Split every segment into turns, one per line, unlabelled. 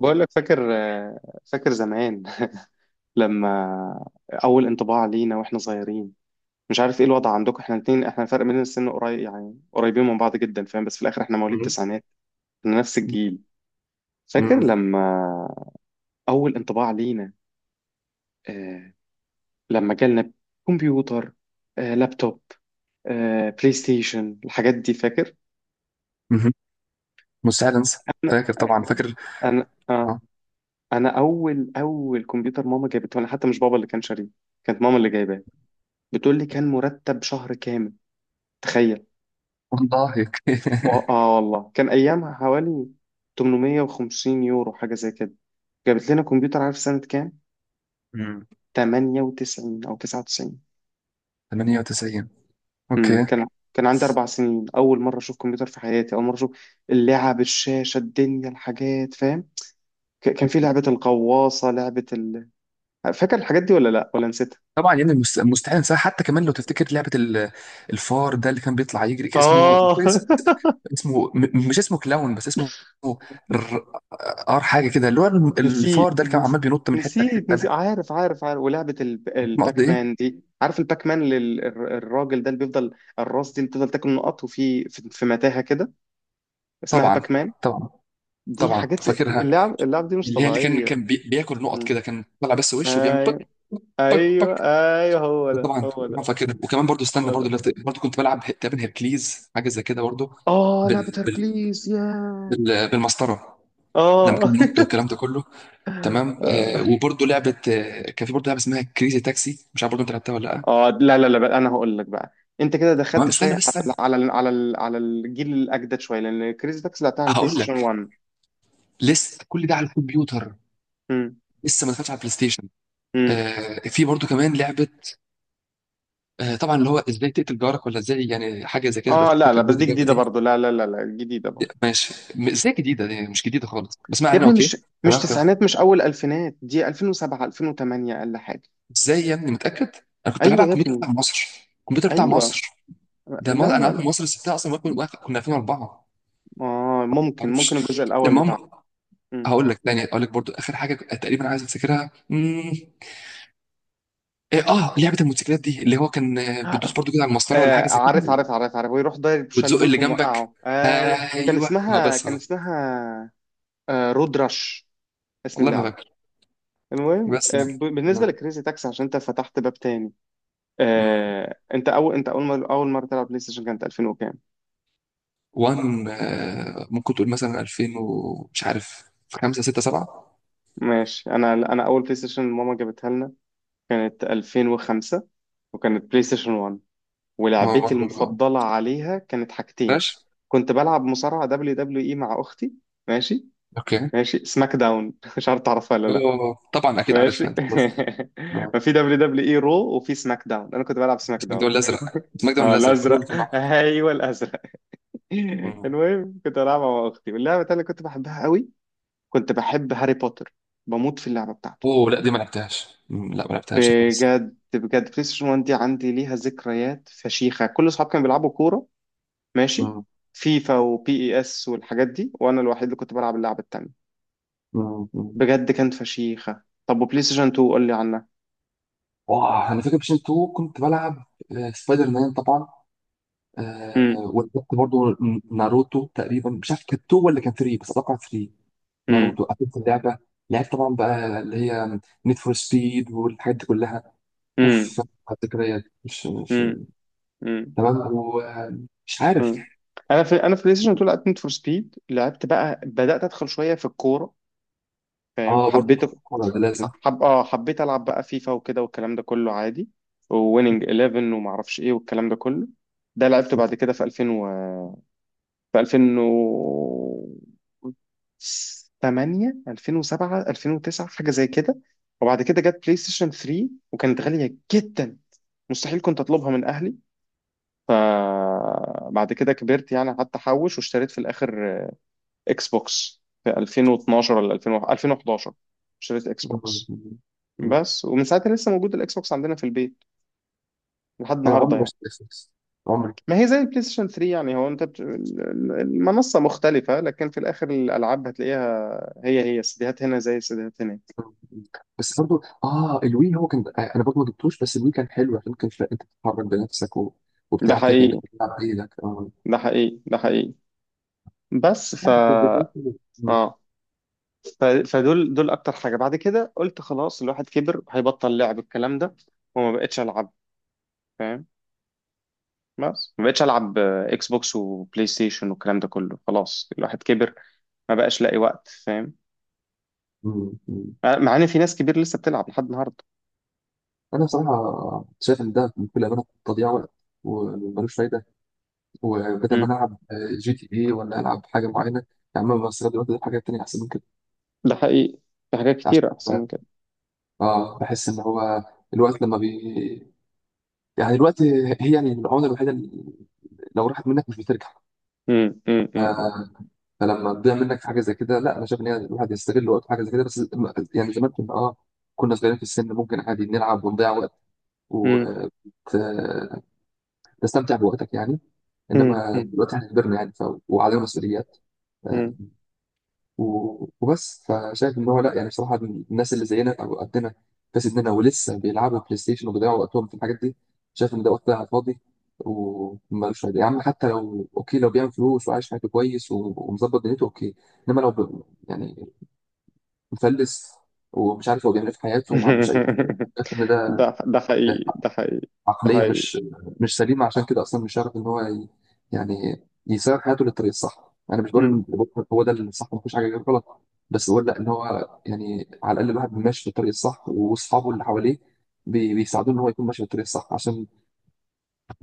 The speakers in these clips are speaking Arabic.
بقول لك فاكر زمان لما اول انطباع لينا واحنا صغيرين. مش عارف ايه الوضع عندكم، احنا الاثنين، احنا فرق بيننا السن قريب، يعني قريبين من بعض جدا فاهم، بس في الاخر احنا مواليد
مم.
تسعينات، احنا نفس الجيل. فاكر
مم.
لما اول انطباع لينا، آه لما جالنا كمبيوتر، لابتوب، بلاي ستيشن، الحاجات دي فاكر.
مم. مستحيل انسى.
انا
فاكر طبعا، فاكر.
انا آه
اه
انا اول كمبيوتر ماما جابته، انا حتى مش بابا اللي كان شاريه، كانت ماما اللي جايباه. بتقول لي كان مرتب شهر كامل، تخيل.
والله هيك.
والله كان ايامها حوالي 850 يورو حاجه زي كده. جابت لنا كمبيوتر، عارف سنه كام؟
مم.
98 او 99.
98.
امم
اوكي.
كان كان عندي اربع سنين، اول مره اشوف كمبيوتر في حياتي، اول مره اشوف اللعب، الشاشه، الدنيا، الحاجات فاهم. كان في لعبه الغواصه، لعبه فاكر الحاجات دي ولا لا، ولا نسيتها؟
طبعا يعني مستحيل انساها، حتى كمان لو تفتكر الفار ده اللي كان بيطلع يجري، كان اسمه
اه
اسمه مش اسمه كلاون، بس اسمه ر- ار، حاجه كده، اللي هو
نسيت
الفار ده اللي كان
نس-
عمال بينط من حته
نسيت
لحته.
نسيت
لا،
عارف عارف عارف. ولعبة
ما قصدي
الباك مان
ايه.
دي، عارف الباك مان؟ الراجل ده اللي بيفضل، الراس دي اللي بتفضل تاكل نقط، وفي في في متاهة كده، اسمها
طبعا
باك مان.
طبعا،
دي
طبعا
حاجات، زي
فاكرها.
اللعب دي مش
اللي هي اللي كان
طبيعية.
كان بياكل نقط
مم.
كده، كان طلع بس وشه وبيعمل بك
ايوه،
بك
ايوه،
بك.
ايوه، هو
ده
ده،
طبعا
هو ده،
طبعا فاكر، وكمان برضو استنى،
هو
برضو
ده.
برضو كنت بلعب تقريبا هيركليز، حاجه زي كده برضو.
اه، لعبة
بال بال
هركليس يا،
بالمسطره، لما كان
اه
بينط والكلام ده كله. تمام. آه وبرضو لعبه، آه كان في برضو لعبه اسمها كريزي تاكسي، مش عارف برضو انت لعبتها ولا لا.
اه، لا لا لا بقى، انا هقول لك بقى. انت كده
تمام،
دخلت
استنى
شويه
بس
على
استنى،
على الجيل الاجدد شويه، لان كريزي تاكسي لعبتها على البلاي
هقول
ستيشن
لك.
1.
لسه كل ده على الكمبيوتر،
امم،
لسه ما دخلتش على البلاي ستيشن.
امم.
آه في برضو كمان لعبه، آه طبعا، اللي هو ازاي تقتل جارك ولا ازاي، يعني حاجه زي كده، لو
اه لا
تفتكر
لا، بس
برضو
دي
اللعبه
جديده
دي.
برضو، لا لا لا لا، جديده برضو.
ماشي، ازاي جديده؟ دي مش جديده خالص، بس ما
يا
علينا
ابني،
اوكي.
مش
تمام تمام.
تسعينات، مش اول الفينات، دي 2007 2008 اقل حاجه.
ازاي يا ابني متاكد؟ انا كنت لعبها على
ايوه يا
الكمبيوتر
ابني،
بتاع مصر، الكمبيوتر بتاع
ايوه.
مصر ده.
لا
ما انا
لا
عارف
لا،
مصر سبتها اصلا، كنا 2004.
اه
ما
ممكن
اعرفش.
الجزء الاول بتاع.
المهم،
امم
هقول لك تاني، هقول لك برضو اخر حاجه تقريبا عايز افتكرها. إيه، اه لعبه الموتوسيكلات دي، اللي هو كان آه، بتدوس برضو كده على المسطره ولا
آه،
حاجه زي
عارف
كده،
عارف عارف عارف، ويروح ضارب
وتزق
شلوت
اللي جنبك.
وموقعه، ايوه. كان
ايوه اه،
اسمها
بس
كان
آه.
اسمها آه رود رش، اسم
والله ما
اللعبة.
فاكر.
المهم،
بس يعني.
بالنسبة
مم.
لكريزي تاكسي، عشان انت فتحت باب تاني.
مم.
انت اول، انت اول مرة اول مرة تلعب بلاي ستيشن كانت 2000 وكام؟
وان آه، ممكن تقول مثلا 2000 ومش عارف، 5 6 7.
ماشي، انا اول بلاي ستيشن ماما جابتها لنا كانت 2005، وكانت بلاي ستيشن 1.
ما هو
ولعبتي
وان برضه آه.
المفضلة عليها كانت حاجتين.
ماشي.
كنت بلعب مصارعة دبليو دبليو اي مع اختي، ماشي؟
اوكي.
ماشي، سماك داون مش عارف تعرفها ولا لا.
اه طبعا اكيد عارفها،
ماشي
انت لازم.
ما
آه.
في دبليو دبليو اي رو، وفي سماك داون، انا كنت بلعب سماك
اسمك ده ولا
داون
الازرق؟ اسمك ده ولا
اه
الازرق
الازرق،
رول كان معاك؟
ايوه الازرق
مم.
المهم، كنت بلعبها مع اختي. واللعبه التانيه اللي كنت بحبها قوي، كنت بحب هاري بوتر، بموت في اللعبه بتاعته.
اوه لا، دي ما لعبتهاش، مم، لا ما لعبتهاش خالص.
بجد بجد، بلاي ستيشن 1 دي عندي ليها ذكريات فشيخه. كل اصحابي كانوا بيلعبوا كوره، ماشي؟
مم،
فيفا وبي اي اس والحاجات دي، وانا الوحيد اللي كنت بلعب اللعبه التانيه.
مم، مم.
بجد كانت فشيخه. طب وبلاي ستيشن 2، قول لي عنها.
واه انا فاكر بيشن 2، كنت بلعب آه، سبايدر مان طبعا. آه،
امم
ولعبت برضه ناروتو تقريبا، مش عارف كانت 2 ولا كان 3، بس اتوقع 3. ناروتو قفلت اللعبه. لعبت طبعا بقى اللي هي نيد فور سبيد والحاجات دي كلها.
امم
اوف، على الذكريات، مش.
امم مم.
تمام، ومش عارف.
مم. انا في بلاي ستيشن 2 لعبت نيد فور سبيد. لعبت بقى، بدات ادخل شويه في الكوره فاهم،
اه برضو
حبيت،
الكورة ده لازم.
حب اه حبيت العب بقى فيفا وكده والكلام ده كله عادي. وويننج 11 وما اعرفش ايه والكلام ده كله، ده لعبته
مم.
بعد كده في 2008، 2007، 2009، حاجه زي كده. وبعد كده جت بلاي ستيشن 3، وكانت غاليه جدا، مستحيل كنت اطلبها من اهلي. بعد كده كبرت يعني، قعدت احوش، واشتريت في الاخر اكس بوكس في 2012 ولا 2000 2011، اشتريت اكس بوكس
مم. مم.
بس. ومن ساعتها لسه موجود الاكس بوكس عندنا في البيت لحد
انا
النهارده
عمري ما
يعني.
اشتريت فيكس، عمري.
ما هي زي البلاي ستيشن 3 يعني، هو انت المنصه مختلفه، لكن في الاخر الالعاب هتلاقيها، هي السيديهات هنا زي السيديهات هناك.
بس برضو اه الوي هو كان آه، انا برضو ما جبتوش، بس الوي كان حلو عشان كان انت بتتحرك بنفسك و...
ده
وبتاع كده، كانك
حقيقي،
بتلعب بايدك اه.
ده حقيقي، ده حقيقي، بس.
مم.
اه فدول دول اكتر حاجه. بعد كده قلت خلاص، الواحد كبر، هيبطل لعب الكلام ده. وما بقتش العب، بس ما بقتش العب اكس بوكس وبلاي ستيشن والكلام ده كله، خلاص الواحد كبر، ما بقاش لاقي وقت فاهم،
مم. مم.
مع ان في ناس كبير لسه بتلعب لحد النهارده.
انا بصراحه شايف ان ده بكل امانه تضييع وقت، وملوش فايده. وبدل ما
امم
انا العب جي تي اي، ولا العب حاجه معينه، يا عم بستغل الوقت ده في حاجات تانيه احسن من كده.
ده حقيقي، في حاجات
عشان
كتير احسن من كده.
اه بحس ان هو الوقت لما بي، يعني دلوقتي، هي يعني العمله الوحيده اللي لو راحت منك مش بترجع.
امم امم
ف-
امم
فلما تضيع منك في حاجه زي كده، لا انا شايف ان هي، الواحد يستغل وقته في حاجه زي كده بس. يعني زمان كنا اه كنا صغيرين في السن، ممكن عادي نلعب ونضيع وقت،
امم
وتستمتع بوقتك يعني.
امم
انما
امم
دلوقتي احنا كبرنا، يعني ف... وعلينا مسؤوليات آه،
أمم.
وبس. فشايف ان هو لا، يعني بصراحه الناس اللي زينا او قدنا، في سننا، ولسه بيلعبوا بلاي ستيشن وبيضيعوا وقتهم في الحاجات دي، شايف ان ده وقت ضايع على الفاضي، ومالوش فايده. يا عم، حتى لو اوكي، لو بيعمل فلوس وعايش حياته كويس ومظبط دنيته، اوكي. انما لو ب... يعني مفلس ومش عارف هو بيعمل ايه في حياته، وما عندوش اي اهداف، شايف ان ده
ده حقيقي، ده حقيقي، ده
عقليه
حقيقي.
مش سليمه. عشان كده اصلا مش عارف ان هو يعني يسير حياته للطريق الصح. انا مش بقول
امم
ان هو ده الصح، ما فيش حاجه غير غلط، بس بقول لا ان هو يعني على الاقل الواحد ماشي في الطريق الصح، واصحابه اللي حواليه بيساعدوه ان هو يكون ماشي في الطريق الصح. عشان،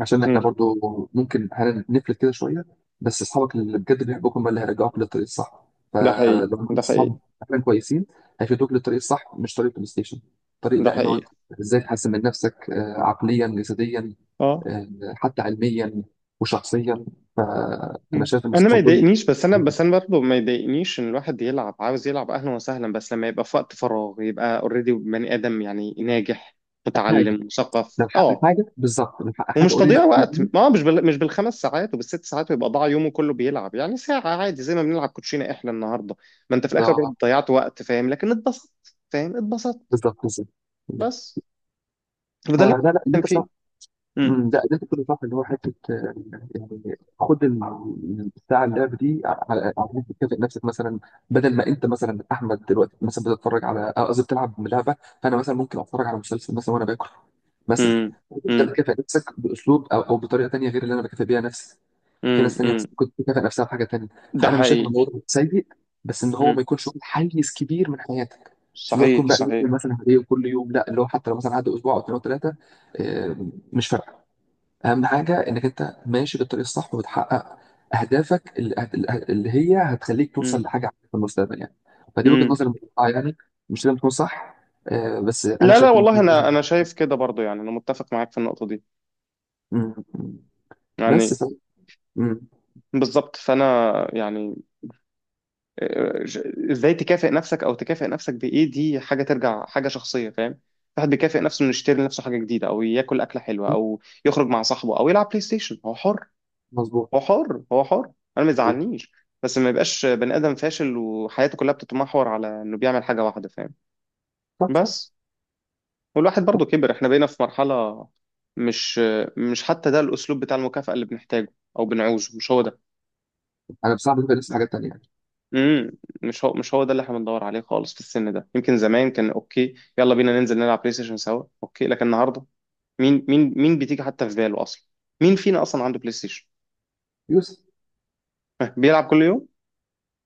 عشان
أمم.
احنا برضو ممكن هنفلت كده شويه، بس اصحابك اللي بجد بيحبوك هم اللي هيرجعوك للطريق الصح.
ده حقيقي،
فلو
ده
معاك صحاب
حقيقي،
فعلا كويسين، هيفيدوك للطريق الصح، مش طريق بلاي ستيشن. طريق
ده
لا ان هو
حقيقي.
ازاي تحسن من نفسك آه، عقليا، جسديا،
اه
آه، حتى علميا، وشخصيا. فانا
مم.
شايف ان
انا ما
الصحاب دول
يضايقنيش، بس انا، بس انا برضه ما يضايقنيش ان الواحد يلعب، عاوز يلعب اهلا وسهلا، بس لما يبقى في وقت فراغ، يبقى اوريدي بني ادم، يعني ناجح،
حاجه،
متعلم، مثقف،
نلحق حاجه، بالظبط نلحق حاجه
ومش
قريبه
تضييع وقت.
مني.
ما هو مش مش بالخمس ساعات وبالست ساعات ويبقى ضاع يومه كله بيلعب. يعني ساعة عادي زي ما بنلعب كوتشينة احنا النهارده، ما انت في الاخر برضه
بالظبط
ضيعت وقت فاهم، لكن اتبسطت فاهم، اتبسطت
بالظبط بالظبط.
بس. وده اللي
فلا لا، اللي
أنا بتكلم
انت
فيه.
صح.
مم.
مم، ده ده كنت صح، اللي هو حته آه، يعني خد الساعه اللعب دي على، على انك تكافئ نفسك مثلا. بدل ما انت مثلا احمد دلوقتي مثلا بتتفرج على آه، قصدي بتلعب لعبه، فانا مثلا ممكن اتفرج على مسلسل مثلا وانا باكل مثلا.
مم.
انت
مم.
بتكافئ نفسك باسلوب او بطريقه تانيه غير اللي انا بكافئ بيها نفسي. في
مم.
ناس تانية
مم.
بس كنت تكافئ نفسها بحاجة تانية.
ده
فأنا مش شايف إن
حقيقي.
الموضوع ده سيء، بس إن هو ما
مم.
يكونش واخد حيز كبير من حياتك. مش اللي هو تكون
صحيح
بقى يوم
صحيح.
مثلا هدية كل يوم، لا اللي هو حتى لو مثلا عدى أسبوع أو اتنين أو تلاتة، آه، مش فارقة. أهم حاجة إنك أنت ماشي بالطريق الصح، وبتحقق أهدافك اللي هي هتخليك
مم.
توصل لحاجة عالية في المستقبل يعني. فدي وجهة
مم.
نظري المتقطعة يعني، مش لازم تكون صح. آه، بس أنا
لا لا
شايف إن
والله، انا
ده-
شايف كده برضو، يعني انا متفق معاك في النقطه دي،
م- م- بس
يعني
ف... م-
بالظبط، فانا يعني ازاي تكافئ نفسك، او تكافئ نفسك بايه، دي حاجه ترجع حاجه شخصيه فاهم. الواحد بيكافئ نفسه انه يشتري لنفسه حاجه جديده، او ياكل اكله حلوه، او يخرج مع صاحبه، او يلعب بلاي ستيشن، هو حر،
مظبوط
هو حر، هو حر، انا ما
مظبوط.
يزعلنيش. بس ما يبقاش بني ادم فاشل، وحياته كلها بتتمحور على انه بيعمل حاجه واحده فاهم.
صح صح.
بس. والواحد برضه كبر، احنا بقينا في مرحلة، مش مش حتى ده الأسلوب بتاع المكافأة اللي بنحتاجه أو بنعوزه، مش هو ده.
أنا بصعب بالنسبة لسه حاجات تانية.
امم مش هو، ده اللي احنا بندور عليه خالص في السن ده. يمكن زمان كان أوكي، يلا بينا ننزل نلعب بلاي ستيشن سوا أوكي، لكن النهاردة مين بتيجي حتى في باله أصلا؟ مين فينا أصلا عنده بلاي ستيشن؟
يوسف؟
ها، بيلعب كل يوم؟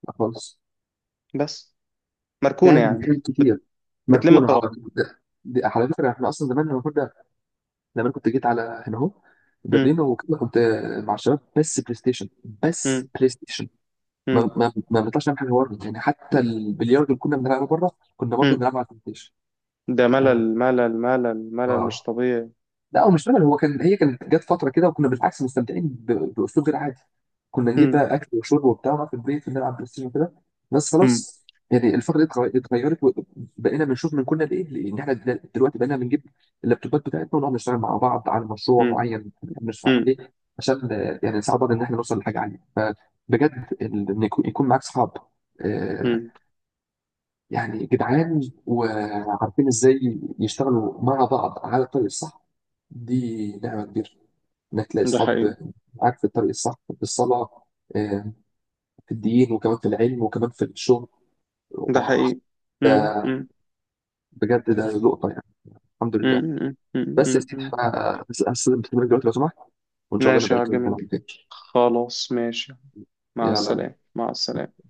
لا خالص.
بس مركونة
كان،
يعني، بت
وكان
بت
كتير
بتلم
مركونة
التراب.
على طول. ده دي على فكرة، احنا أصلا زمان لما كنا، لما أنا كنت جيت على هنا أهو
امم
برلين وكده، كنت مع الشباب بس بلاي ستيشن، بس
امم
بلاي ستيشن. ما
امم
ما ما بنطلعش نعمل حاجة بره يعني. حتى البلياردو اللي كنا بنلعبه بره، كنا برضه
امم
بنلعبه على البلاي ستيشن.
ده ملل، ملل، ملل، ملل مش
آه،
طبيعي.
لا هو مش رجل، هو كان، هي كانت جت فتره كده، وكنا بالعكس مستمتعين باسلوب غير عادي. كنا نجيب بقى اكل وشرب وبتاع، ونقعد في البيت ونلعب بلاي ستيشن كده بس.
امم
خلاص يعني الفتره دي اتغيرت، وبقينا بنشوف من كنا لايه، لان احنا دلوقتي بقينا بنجيب اللابتوبات بتاعتنا، ونقعد نشتغل مع بعض على مشروع
امم
معين بنحب نشتغل عليه، عشان آه، يعني نساعد بعض ان احنا نوصل لحاجه عاليه. فبجد ان يكون معاك صحاب آه،
امم
يعني جدعان، وعارفين ازاي يشتغلوا مع بعض على الطريق الصح، دي نعمة كبيرة. انك تلاقي
ده حقيقي،
اصحاب معاك في الطريق الصح، في الصلاة آه، في الدين، وكمان في العلم، وكمان في الشغل،
ده
واه
حقيقي. مم.
ده،
مم.
بجد ده لقطة يعني. الحمد لله.
مم. مم.
بس يا
مم.
سيدي،
مم.
انا هستلم التليفون دلوقتي لو سمحت، وان شاء الله
ماشي
نبقى
يا
نتكلم
جميل،
عن تاني.
خلاص ماشي، مع
يلا.
السلامة، مع السلامة.